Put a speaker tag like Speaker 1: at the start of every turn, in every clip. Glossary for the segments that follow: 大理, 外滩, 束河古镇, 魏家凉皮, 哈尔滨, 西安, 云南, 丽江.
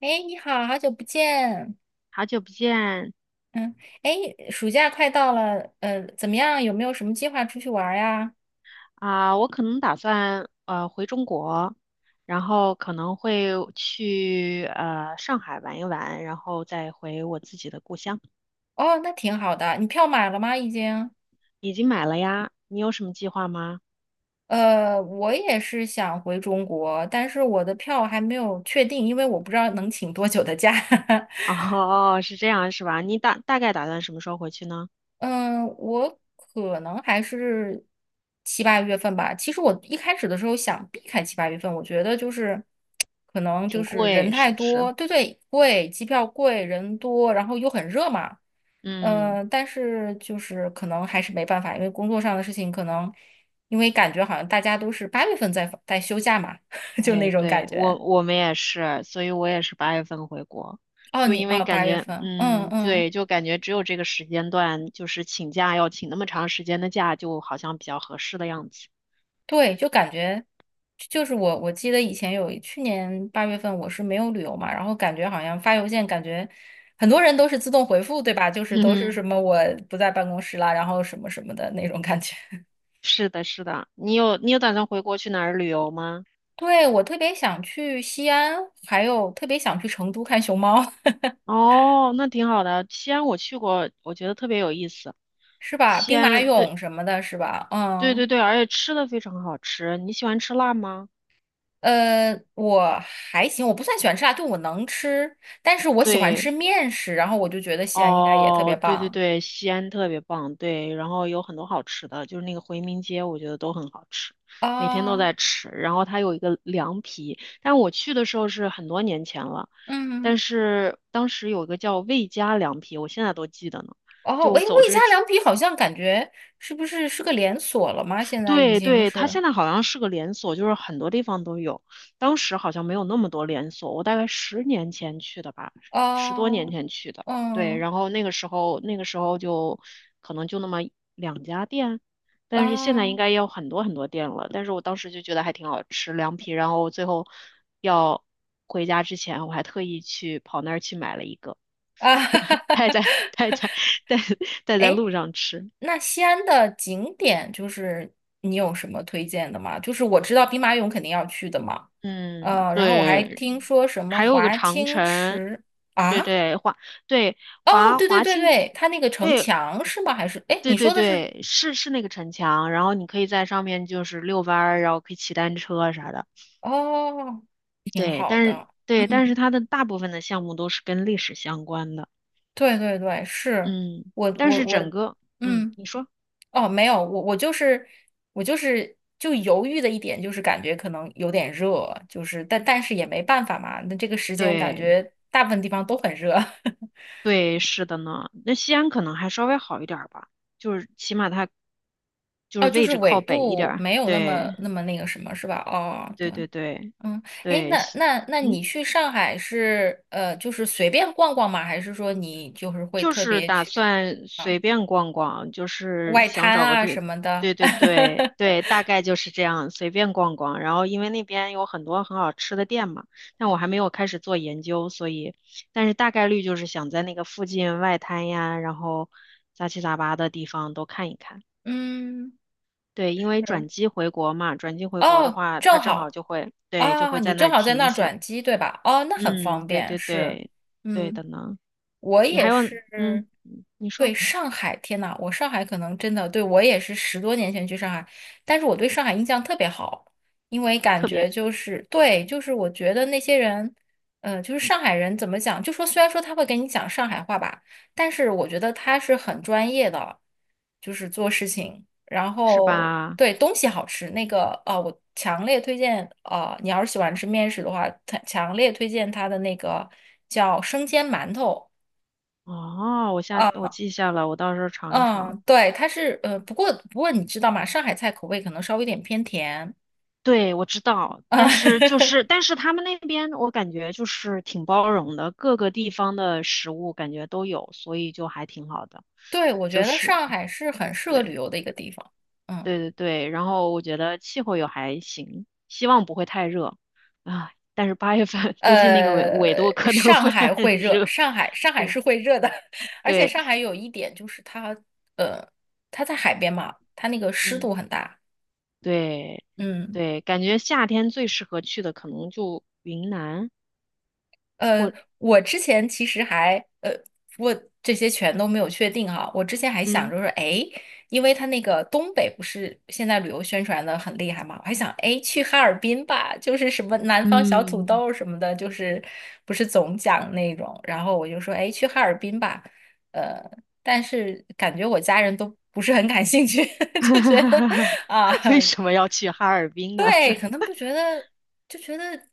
Speaker 1: 哎，你好，好久不见。
Speaker 2: 好久不见
Speaker 1: 嗯，哎，暑假快到了，怎么样？有没有什么计划出去玩儿呀？
Speaker 2: 啊，我可能打算回中国，然后可能会去上海玩一玩，然后再回我自己的故乡。
Speaker 1: 哦，那挺好的。你票买了吗？已经？
Speaker 2: 已经买了呀，你有什么计划吗？
Speaker 1: 我也是想回中国，但是我的票还没有确定，因为我不知道能请多久的假。
Speaker 2: 哦，是这样是吧？你大概打算什么时候回去呢？
Speaker 1: 嗯，我可能还是七八月份吧。其实我一开始的时候想避开七八月份，我觉得就是可能就
Speaker 2: 挺
Speaker 1: 是人
Speaker 2: 贵
Speaker 1: 太
Speaker 2: 是不是？
Speaker 1: 多，对对，贵，机票贵，人多，然后又很热嘛。
Speaker 2: 嗯。
Speaker 1: 嗯，但是就是可能还是没办法，因为工作上的事情，可能因为感觉好像大家都是八月份在休假嘛，就那
Speaker 2: 哎，
Speaker 1: 种感
Speaker 2: 对，我
Speaker 1: 觉。
Speaker 2: 我们也是，所以我也是八月份回国，
Speaker 1: 哦，
Speaker 2: 就
Speaker 1: 你
Speaker 2: 因为
Speaker 1: 哦，
Speaker 2: 感
Speaker 1: 八月
Speaker 2: 觉，
Speaker 1: 份，嗯
Speaker 2: 嗯，
Speaker 1: 嗯。
Speaker 2: 对，就感觉只有这个时间段，就是请假要请那么长时间的假，就好像比较合适的样子。
Speaker 1: 对，就感觉就是我记得以前有去年八月份我是没有旅游嘛，然后感觉好像发邮件，感觉很多人都是自动回复，对吧？就是
Speaker 2: 嗯
Speaker 1: 都是
Speaker 2: 哼，
Speaker 1: 什么我不在办公室啦，然后什么什么的那种感觉。
Speaker 2: 是的，是的，你有打算回国去哪儿旅游吗？
Speaker 1: 对，我特别想去西安，还有特别想去成都看熊猫，
Speaker 2: 哦，那挺好的，西安我去过，我觉得特别有意思。
Speaker 1: 是吧？
Speaker 2: 西
Speaker 1: 兵马
Speaker 2: 安，对
Speaker 1: 俑什么的，是吧？
Speaker 2: 对
Speaker 1: 嗯，
Speaker 2: 对对，而且吃的非常好吃。你喜欢吃辣吗？
Speaker 1: 我还行，我不算喜欢吃辣，就我能吃，但是我喜欢吃
Speaker 2: 对。
Speaker 1: 面食，然后我就觉得西安应该也特别
Speaker 2: 哦，对对
Speaker 1: 棒
Speaker 2: 对，西安特别棒，对，然后有很多好吃的，就是那个回民街，我觉得都很好吃，每天都
Speaker 1: 啊，
Speaker 2: 在吃。然后它有一个凉皮，但我去的时候是很多年前了，
Speaker 1: 嗯。
Speaker 2: 但是当时有一个叫魏家凉皮，我现在都记得呢。
Speaker 1: 哦，
Speaker 2: 就
Speaker 1: 喂，
Speaker 2: 走
Speaker 1: 魏家
Speaker 2: 之
Speaker 1: 凉皮好像感觉是不是是个连锁了吗？现在已
Speaker 2: 对
Speaker 1: 经
Speaker 2: 对，它
Speaker 1: 是
Speaker 2: 现在好像是个连锁，就是很多地方都有。当时好像没有那么多连锁，我大概10年前去的吧，十多年
Speaker 1: 哦，
Speaker 2: 前去的。对，
Speaker 1: 嗯，
Speaker 2: 然后那个时候就可能就那么2家店，但是现在应
Speaker 1: 哦，
Speaker 2: 该也有很多很多店了。但是我当时就觉得还挺好吃，凉皮。然后最后要回家之前，我还特意去跑那儿去买了一个，
Speaker 1: 啊，哈哈哈
Speaker 2: 带在 带
Speaker 1: 哈，
Speaker 2: 在带带在
Speaker 1: 哎，
Speaker 2: 路上吃。
Speaker 1: 那西安的景点就是你有什么推荐的吗？就是我知道兵马俑肯定要去的嘛，
Speaker 2: 嗯，
Speaker 1: 然后我还
Speaker 2: 对，
Speaker 1: 听说什么
Speaker 2: 还有一个
Speaker 1: 华
Speaker 2: 长
Speaker 1: 清
Speaker 2: 城，
Speaker 1: 池
Speaker 2: 对
Speaker 1: 啊，
Speaker 2: 对对
Speaker 1: 哦，对对
Speaker 2: 华
Speaker 1: 对
Speaker 2: 清，
Speaker 1: 对，它那个城
Speaker 2: 对
Speaker 1: 墙是吗？还是哎，诶
Speaker 2: 对
Speaker 1: 你
Speaker 2: 对
Speaker 1: 说的是
Speaker 2: 对，是是那个城墙，然后你可以在上面就是遛弯儿，然后可以骑单车啊啥的，
Speaker 1: 哦，挺
Speaker 2: 对，
Speaker 1: 好
Speaker 2: 但是
Speaker 1: 的。
Speaker 2: 对，但是
Speaker 1: 嗯。
Speaker 2: 它的大部分的项目都是跟历史相关的，
Speaker 1: 对对对，是
Speaker 2: 嗯，
Speaker 1: 我
Speaker 2: 但
Speaker 1: 我
Speaker 2: 是
Speaker 1: 我，
Speaker 2: 整个，嗯，
Speaker 1: 嗯，
Speaker 2: 你说，
Speaker 1: 哦，没有，我就是我就是就犹豫的一点就是感觉可能有点热，就是但是也没办法嘛，那这个时间感
Speaker 2: 对
Speaker 1: 觉大部分地方都很热，
Speaker 2: 对，是的呢，那西安可能还稍微好一点儿吧，就是起码它 就
Speaker 1: 哦，
Speaker 2: 是
Speaker 1: 就
Speaker 2: 位
Speaker 1: 是
Speaker 2: 置
Speaker 1: 纬
Speaker 2: 靠北一点
Speaker 1: 度
Speaker 2: 儿，
Speaker 1: 没有那么
Speaker 2: 对。
Speaker 1: 那么那个什么是吧？哦，对，
Speaker 2: 对对对
Speaker 1: 嗯，哎，
Speaker 2: 对，
Speaker 1: 那那那
Speaker 2: 嗯，
Speaker 1: 你去上海是就是随便逛逛吗？还是说你就是会
Speaker 2: 就
Speaker 1: 特
Speaker 2: 是
Speaker 1: 别
Speaker 2: 打
Speaker 1: 去
Speaker 2: 算随便逛逛，就是
Speaker 1: 外滩
Speaker 2: 想找个
Speaker 1: 啊什
Speaker 2: 地，
Speaker 1: 么的？
Speaker 2: 对对对 对，大概就是这样，随便逛逛。然后因为那边有很多很好吃的店嘛，但我还没有开始做研究，所以，但是大概率就是想在那个附近外滩呀，然后杂七杂八的地方都看一看。
Speaker 1: 嗯。
Speaker 2: 对，因为
Speaker 1: 是
Speaker 2: 转机回国嘛，转机回国的
Speaker 1: 哦，
Speaker 2: 话，它
Speaker 1: 正
Speaker 2: 正好
Speaker 1: 好
Speaker 2: 就会，对，就
Speaker 1: 啊，
Speaker 2: 会在
Speaker 1: 你
Speaker 2: 那
Speaker 1: 正
Speaker 2: 儿
Speaker 1: 好在
Speaker 2: 停
Speaker 1: 那
Speaker 2: 一
Speaker 1: 儿
Speaker 2: 下。
Speaker 1: 转机，对吧？哦，那很
Speaker 2: 嗯，
Speaker 1: 方
Speaker 2: 对
Speaker 1: 便，
Speaker 2: 对
Speaker 1: 是，
Speaker 2: 对，对的
Speaker 1: 嗯，
Speaker 2: 呢。
Speaker 1: 我
Speaker 2: 你还
Speaker 1: 也
Speaker 2: 有，嗯，
Speaker 1: 是，
Speaker 2: 你
Speaker 1: 对，
Speaker 2: 说
Speaker 1: 上海，天呐，我上海可能真的，对，我也是十多年前去上海，但是我对上海印象特别好，因为感
Speaker 2: 特别
Speaker 1: 觉就是，对，就是我觉得那些人，就是上海人怎么讲，就说虽然说他会给你讲上海话吧，但是我觉得他是很专业的，就是做事情。然
Speaker 2: 是
Speaker 1: 后
Speaker 2: 吧？
Speaker 1: 对东西好吃，那个啊、我强烈推荐啊、你要是喜欢吃面食的话，它强烈推荐它的那个叫生煎馒头。
Speaker 2: 哦，
Speaker 1: 啊，
Speaker 2: 我记下了，我到时候尝一尝。
Speaker 1: 嗯，对，它是不过你知道吗？上海菜口味可能稍微有点偏甜
Speaker 2: 对，我知道，
Speaker 1: 啊。
Speaker 2: 但是他们那边我感觉就是挺包容的，各个地方的食物感觉都有，所以就还挺好的。
Speaker 1: 对，我
Speaker 2: 就
Speaker 1: 觉得
Speaker 2: 是
Speaker 1: 上海是很适合旅
Speaker 2: 对
Speaker 1: 游的一个地方。嗯，
Speaker 2: 对对对，然后我觉得气候也还行，希望不会太热啊。但是八月份 估计那个纬度可能
Speaker 1: 上
Speaker 2: 会
Speaker 1: 海
Speaker 2: 很
Speaker 1: 会热，
Speaker 2: 热。
Speaker 1: 上海
Speaker 2: 对
Speaker 1: 是会热的，而且
Speaker 2: 对，
Speaker 1: 上海有一点就是它在海边嘛，它那个湿
Speaker 2: 嗯。
Speaker 1: 度很大。
Speaker 2: 对，
Speaker 1: 嗯。
Speaker 2: 对，感觉夏天最适合去的可能就云南
Speaker 1: 呃，
Speaker 2: 或
Speaker 1: 我之前其实还我这些全都没有确定哈。我之前还想
Speaker 2: 嗯
Speaker 1: 着说，哎，因为他那个东北不是现在旅游宣传的很厉害嘛，我还想，哎，去哈尔滨吧，就是什么南方小土
Speaker 2: 嗯。
Speaker 1: 豆什么的，就是不是总讲那种。然后我就说，哎，去哈尔滨吧。呃，但是感觉我家人都不是很感兴趣，就觉得 啊。
Speaker 2: 为什么要去哈尔滨呢？
Speaker 1: 对，可 能就觉得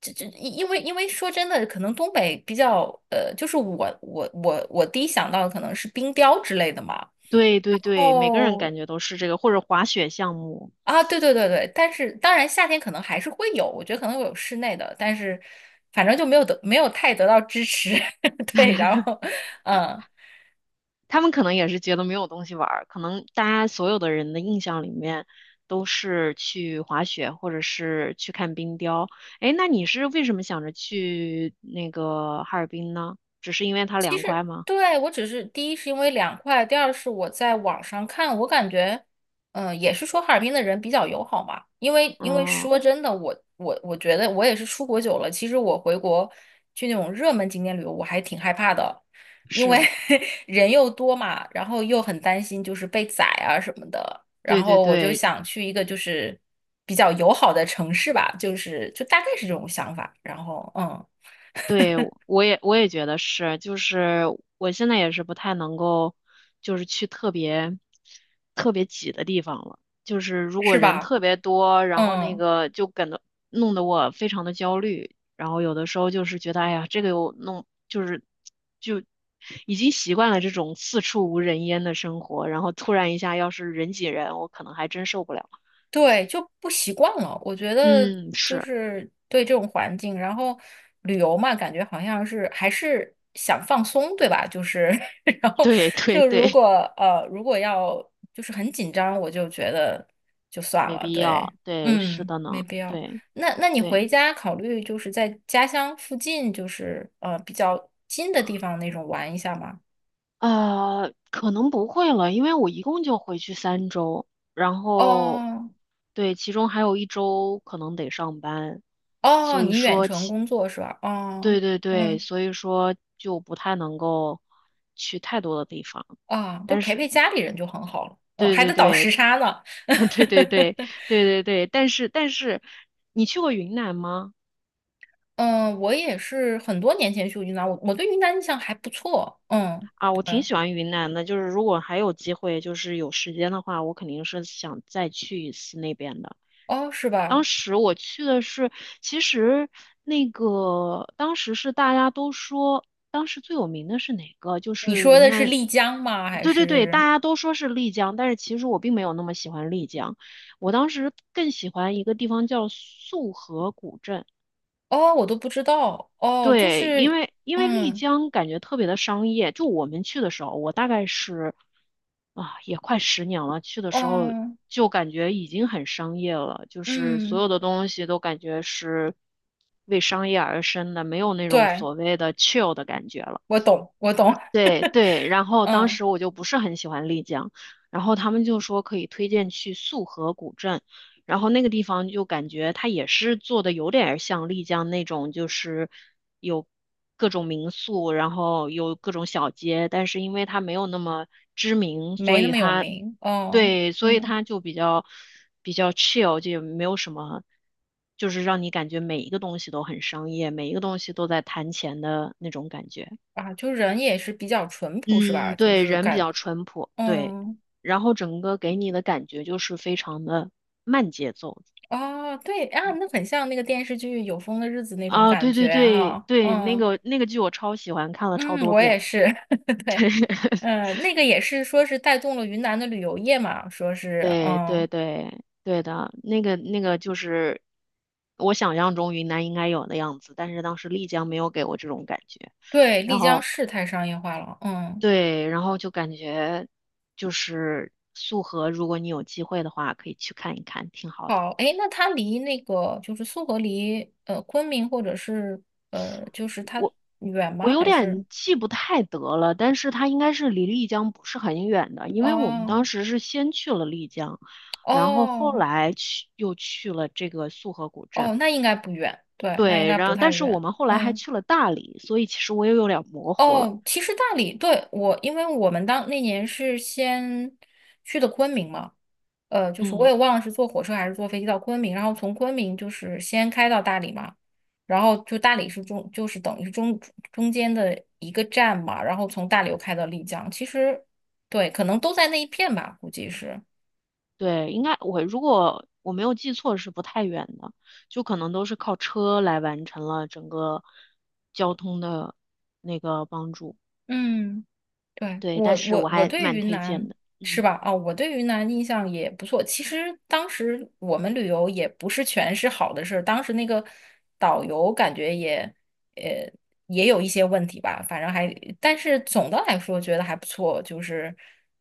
Speaker 1: 这，因为说真的，可能东北比较就是我第一想到的可能是冰雕之类的嘛。
Speaker 2: 对对
Speaker 1: 然
Speaker 2: 对，每个人感
Speaker 1: 后
Speaker 2: 觉都是这个，或者滑雪项目，
Speaker 1: 啊，对对对对，但是当然夏天可能还是会有，我觉得可能会有室内的，但是反正就没有太得到支持。对，然后嗯。
Speaker 2: 他们可能也是觉得没有东西玩儿，可能大家所有的人的印象里面都是去滑雪或者是去看冰雕。哎，那你是为什么想着去那个哈尔滨呢？只是因为它凉
Speaker 1: 是
Speaker 2: 快吗？
Speaker 1: 对，我只是第一是因为凉快，第二是我在网上看，我感觉，嗯、也是说哈尔滨的人比较友好嘛。因为
Speaker 2: 嗯，
Speaker 1: 说真的，我觉得我也是出国久了，其实我回国去那种热门景点旅游，我还挺害怕的，因为
Speaker 2: 是。
Speaker 1: 人又多嘛，然后又很担心就是被宰啊什么的。然
Speaker 2: 对对
Speaker 1: 后我就
Speaker 2: 对
Speaker 1: 想去一个就是比较友好的城市吧，就是就大概是这种想法。然后嗯，
Speaker 2: 对，我也觉得是，就是我现在也是不太能够，就是去特别特别挤的地方了。就是如
Speaker 1: 是
Speaker 2: 果人
Speaker 1: 吧？
Speaker 2: 特别多，然后那
Speaker 1: 嗯。
Speaker 2: 个就感到弄得我非常的焦虑，然后有的时候就是觉得，哎呀，这个又弄，就是就已经习惯了这种四处无人烟的生活，然后突然一下要是人挤人，我可能还真受不了。
Speaker 1: 对，就不习惯了。我觉得
Speaker 2: 嗯，
Speaker 1: 就
Speaker 2: 是，
Speaker 1: 是对这种环境，然后旅游嘛，感觉好像是还是想放松，对吧？就是，然后
Speaker 2: 对对
Speaker 1: 就
Speaker 2: 对，
Speaker 1: 如果如果要就是很紧张，我就觉得就算
Speaker 2: 没
Speaker 1: 了。
Speaker 2: 必要，
Speaker 1: 对，
Speaker 2: 对，是
Speaker 1: 嗯，
Speaker 2: 的
Speaker 1: 没
Speaker 2: 呢，
Speaker 1: 必要。
Speaker 2: 对。
Speaker 1: 那你回
Speaker 2: 对，
Speaker 1: 家考虑就是在家乡附近，就是比较近的地方那种玩一下吗？
Speaker 2: 可能不会了，因为我一共就回去3周，然后
Speaker 1: 哦
Speaker 2: 对，其中还有一周可能得上班，
Speaker 1: 哦，
Speaker 2: 所以
Speaker 1: 你远
Speaker 2: 说，
Speaker 1: 程工作是吧？哦，
Speaker 2: 对对对，
Speaker 1: 嗯。
Speaker 2: 所以说就不太能够去太多的地方。
Speaker 1: 啊，就
Speaker 2: 但
Speaker 1: 陪
Speaker 2: 是，
Speaker 1: 陪家里人就很好了。嗯，
Speaker 2: 对
Speaker 1: 还
Speaker 2: 对
Speaker 1: 得倒时
Speaker 2: 对，
Speaker 1: 差呢。
Speaker 2: 对对对，对对对，但是，你去过云南吗？
Speaker 1: 嗯，我也是很多年前去过云南，我对云南印象还不错。嗯，
Speaker 2: 啊，我挺
Speaker 1: 对，
Speaker 2: 喜欢云南的，就是如果还有机会，就是有时间的话，我肯定是想再去一次那边的。
Speaker 1: 哦，是
Speaker 2: 当
Speaker 1: 吧？
Speaker 2: 时我去的是，其实那个当时是大家都说，当时最有名的是哪个？就
Speaker 1: 你
Speaker 2: 是
Speaker 1: 说
Speaker 2: 云
Speaker 1: 的是
Speaker 2: 南，
Speaker 1: 丽江吗？还
Speaker 2: 对对对，大
Speaker 1: 是
Speaker 2: 家都说是丽江，但是其实我并没有那么喜欢丽江，我当时更喜欢一个地方叫束河古镇。
Speaker 1: 哦，我都不知道。哦，就
Speaker 2: 对，因
Speaker 1: 是，
Speaker 2: 为因为丽
Speaker 1: 嗯，
Speaker 2: 江感觉特别的商业，就我们去的时候，我大概是啊，也快十年了，去的时候
Speaker 1: 嗯，
Speaker 2: 就感觉已经很商业了，就是所
Speaker 1: 嗯，
Speaker 2: 有的东西都感觉是为商业而生的，没有那种
Speaker 1: 对，
Speaker 2: 所谓的 chill 的感觉了。
Speaker 1: 我懂，我懂。
Speaker 2: 对对，然后当
Speaker 1: 嗯，
Speaker 2: 时我就不是很喜欢丽江，然后他们就说可以推荐去束河古镇，然后那个地方就感觉它也是做的有点儿像丽江那种，就是有各种民宿，然后有各种小街，但是因为它没有那么知名，
Speaker 1: 没
Speaker 2: 所
Speaker 1: 那
Speaker 2: 以
Speaker 1: 么有
Speaker 2: 它
Speaker 1: 名。哦，
Speaker 2: 对，所以
Speaker 1: 嗯，
Speaker 2: 它就比较比较 chill，就也没有什么，就是让你感觉每一个东西都很商业，每一个东西都在谈钱的那种感觉。
Speaker 1: 啊，就人也是比较淳朴，是吧？
Speaker 2: 嗯，
Speaker 1: 就
Speaker 2: 对，
Speaker 1: 是
Speaker 2: 人比
Speaker 1: 感，
Speaker 2: 较淳朴，对，
Speaker 1: 嗯。
Speaker 2: 然后整个给你的感觉就是非常的慢节奏
Speaker 1: 哦，对啊，那很像那个电视剧《有风的日子》那种
Speaker 2: 啊，
Speaker 1: 感
Speaker 2: 对
Speaker 1: 觉
Speaker 2: 对对
Speaker 1: 哈、
Speaker 2: 对，那
Speaker 1: 嗯
Speaker 2: 个那个剧我超喜欢，看了超
Speaker 1: 嗯，
Speaker 2: 多
Speaker 1: 我也
Speaker 2: 遍，
Speaker 1: 是，对，嗯，那个也是说是带动了云南的旅游业嘛，说是
Speaker 2: 对对
Speaker 1: 嗯，
Speaker 2: 对对的，那个那个就是我想象中云南应该有的样子，但是当时丽江没有给我这种感觉，
Speaker 1: 对，丽
Speaker 2: 然
Speaker 1: 江
Speaker 2: 后
Speaker 1: 市太商业化了。嗯，
Speaker 2: 对，然后就感觉就是素河，如果你有机会的话，可以去看一看，挺好的。
Speaker 1: 好，诶，那它离那个就是苏河离昆明或者是就是它
Speaker 2: 我。
Speaker 1: 远
Speaker 2: 我
Speaker 1: 吗？
Speaker 2: 有
Speaker 1: 还是
Speaker 2: 点记不太得了，但是它应该是离丽江不是很远的，因为我们当
Speaker 1: 哦
Speaker 2: 时是先去了丽江，然后后
Speaker 1: 哦
Speaker 2: 来去又去了这个束河古
Speaker 1: 哦，
Speaker 2: 镇，
Speaker 1: 那应该不远，对，那应
Speaker 2: 对，
Speaker 1: 该
Speaker 2: 然
Speaker 1: 不
Speaker 2: 后
Speaker 1: 太
Speaker 2: 但是我
Speaker 1: 远。
Speaker 2: 们后来还
Speaker 1: 嗯。
Speaker 2: 去了大理，所以其实我也有点模糊了。
Speaker 1: 哦，其实大理对我，因为我们当那年是先去的昆明嘛，就是我
Speaker 2: 嗯，
Speaker 1: 也忘了是坐火车还是坐飞机到昆明，然后从昆明就是先开到大理嘛，然后就大理是中，就是等于是中间的一个站嘛，然后从大理又开到丽江，其实对，可能都在那一片吧，估计是，
Speaker 2: 对，应该如果我没有记错是不太远的，就可能都是靠车来完成了整个交通的那个帮助。
Speaker 1: 嗯。对，
Speaker 2: 对，
Speaker 1: 我
Speaker 2: 但是
Speaker 1: 我
Speaker 2: 我
Speaker 1: 我
Speaker 2: 还
Speaker 1: 对
Speaker 2: 蛮
Speaker 1: 云
Speaker 2: 推荐
Speaker 1: 南
Speaker 2: 的。
Speaker 1: 是
Speaker 2: 嗯
Speaker 1: 吧？啊、我对云南印象也不错。其实当时我们旅游也不是全是好的事儿，当时那个导游感觉也呃也有一些问题吧，反正还，但是总的来说觉得还不错，就是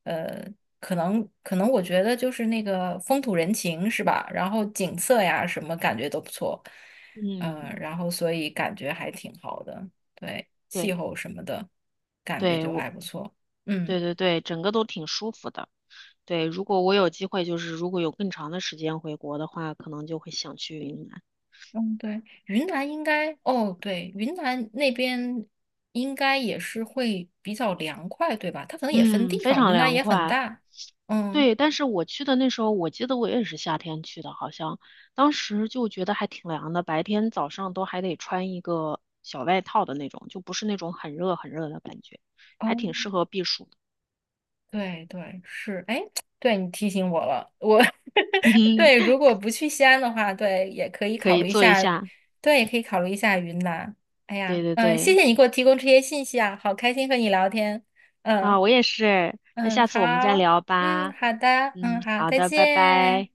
Speaker 1: 呃可能我觉得就是那个风土人情是吧？然后景色呀什么感觉都不错，嗯、
Speaker 2: 嗯，
Speaker 1: 然后所以感觉还挺好的。对，气
Speaker 2: 对。
Speaker 1: 候什么的，感觉
Speaker 2: 对，
Speaker 1: 就
Speaker 2: 我，
Speaker 1: 还不错。嗯
Speaker 2: 对对对，整个都挺舒服的。对，如果我有机会，就是如果有更长的时间回国的话，可能就会想去云南。
Speaker 1: 嗯，对，云南应该，哦，对，云南那边应该也是会比较凉快，对吧？它可能也分
Speaker 2: 嗯，
Speaker 1: 地
Speaker 2: 非
Speaker 1: 方，
Speaker 2: 常
Speaker 1: 云南
Speaker 2: 凉
Speaker 1: 也很
Speaker 2: 快。
Speaker 1: 大。嗯，
Speaker 2: 对，但是我去的那时候，我记得我也是夏天去的，好像当时就觉得还挺凉的，白天早上都还得穿一个小外套的那种，就不是那种很热很热的感觉，
Speaker 1: 哦，
Speaker 2: 还挺适合避暑的。
Speaker 1: 对对，是，哎，对你提醒我了，我 对，如果不去西安的话，对，也可以
Speaker 2: 可
Speaker 1: 考
Speaker 2: 以
Speaker 1: 虑一
Speaker 2: 做一
Speaker 1: 下，
Speaker 2: 下。
Speaker 1: 对，也可以考虑一下云南。哎
Speaker 2: 对
Speaker 1: 呀，
Speaker 2: 对
Speaker 1: 嗯、谢
Speaker 2: 对，
Speaker 1: 谢你给我提供这些信息啊，好开心和你聊天。嗯。
Speaker 2: 啊，我也是。那
Speaker 1: 嗯，
Speaker 2: 下次我们再
Speaker 1: 好，
Speaker 2: 聊
Speaker 1: 嗯，
Speaker 2: 吧。
Speaker 1: 好的，嗯，
Speaker 2: 嗯，
Speaker 1: 好，
Speaker 2: 好
Speaker 1: 再
Speaker 2: 的，拜拜。
Speaker 1: 见。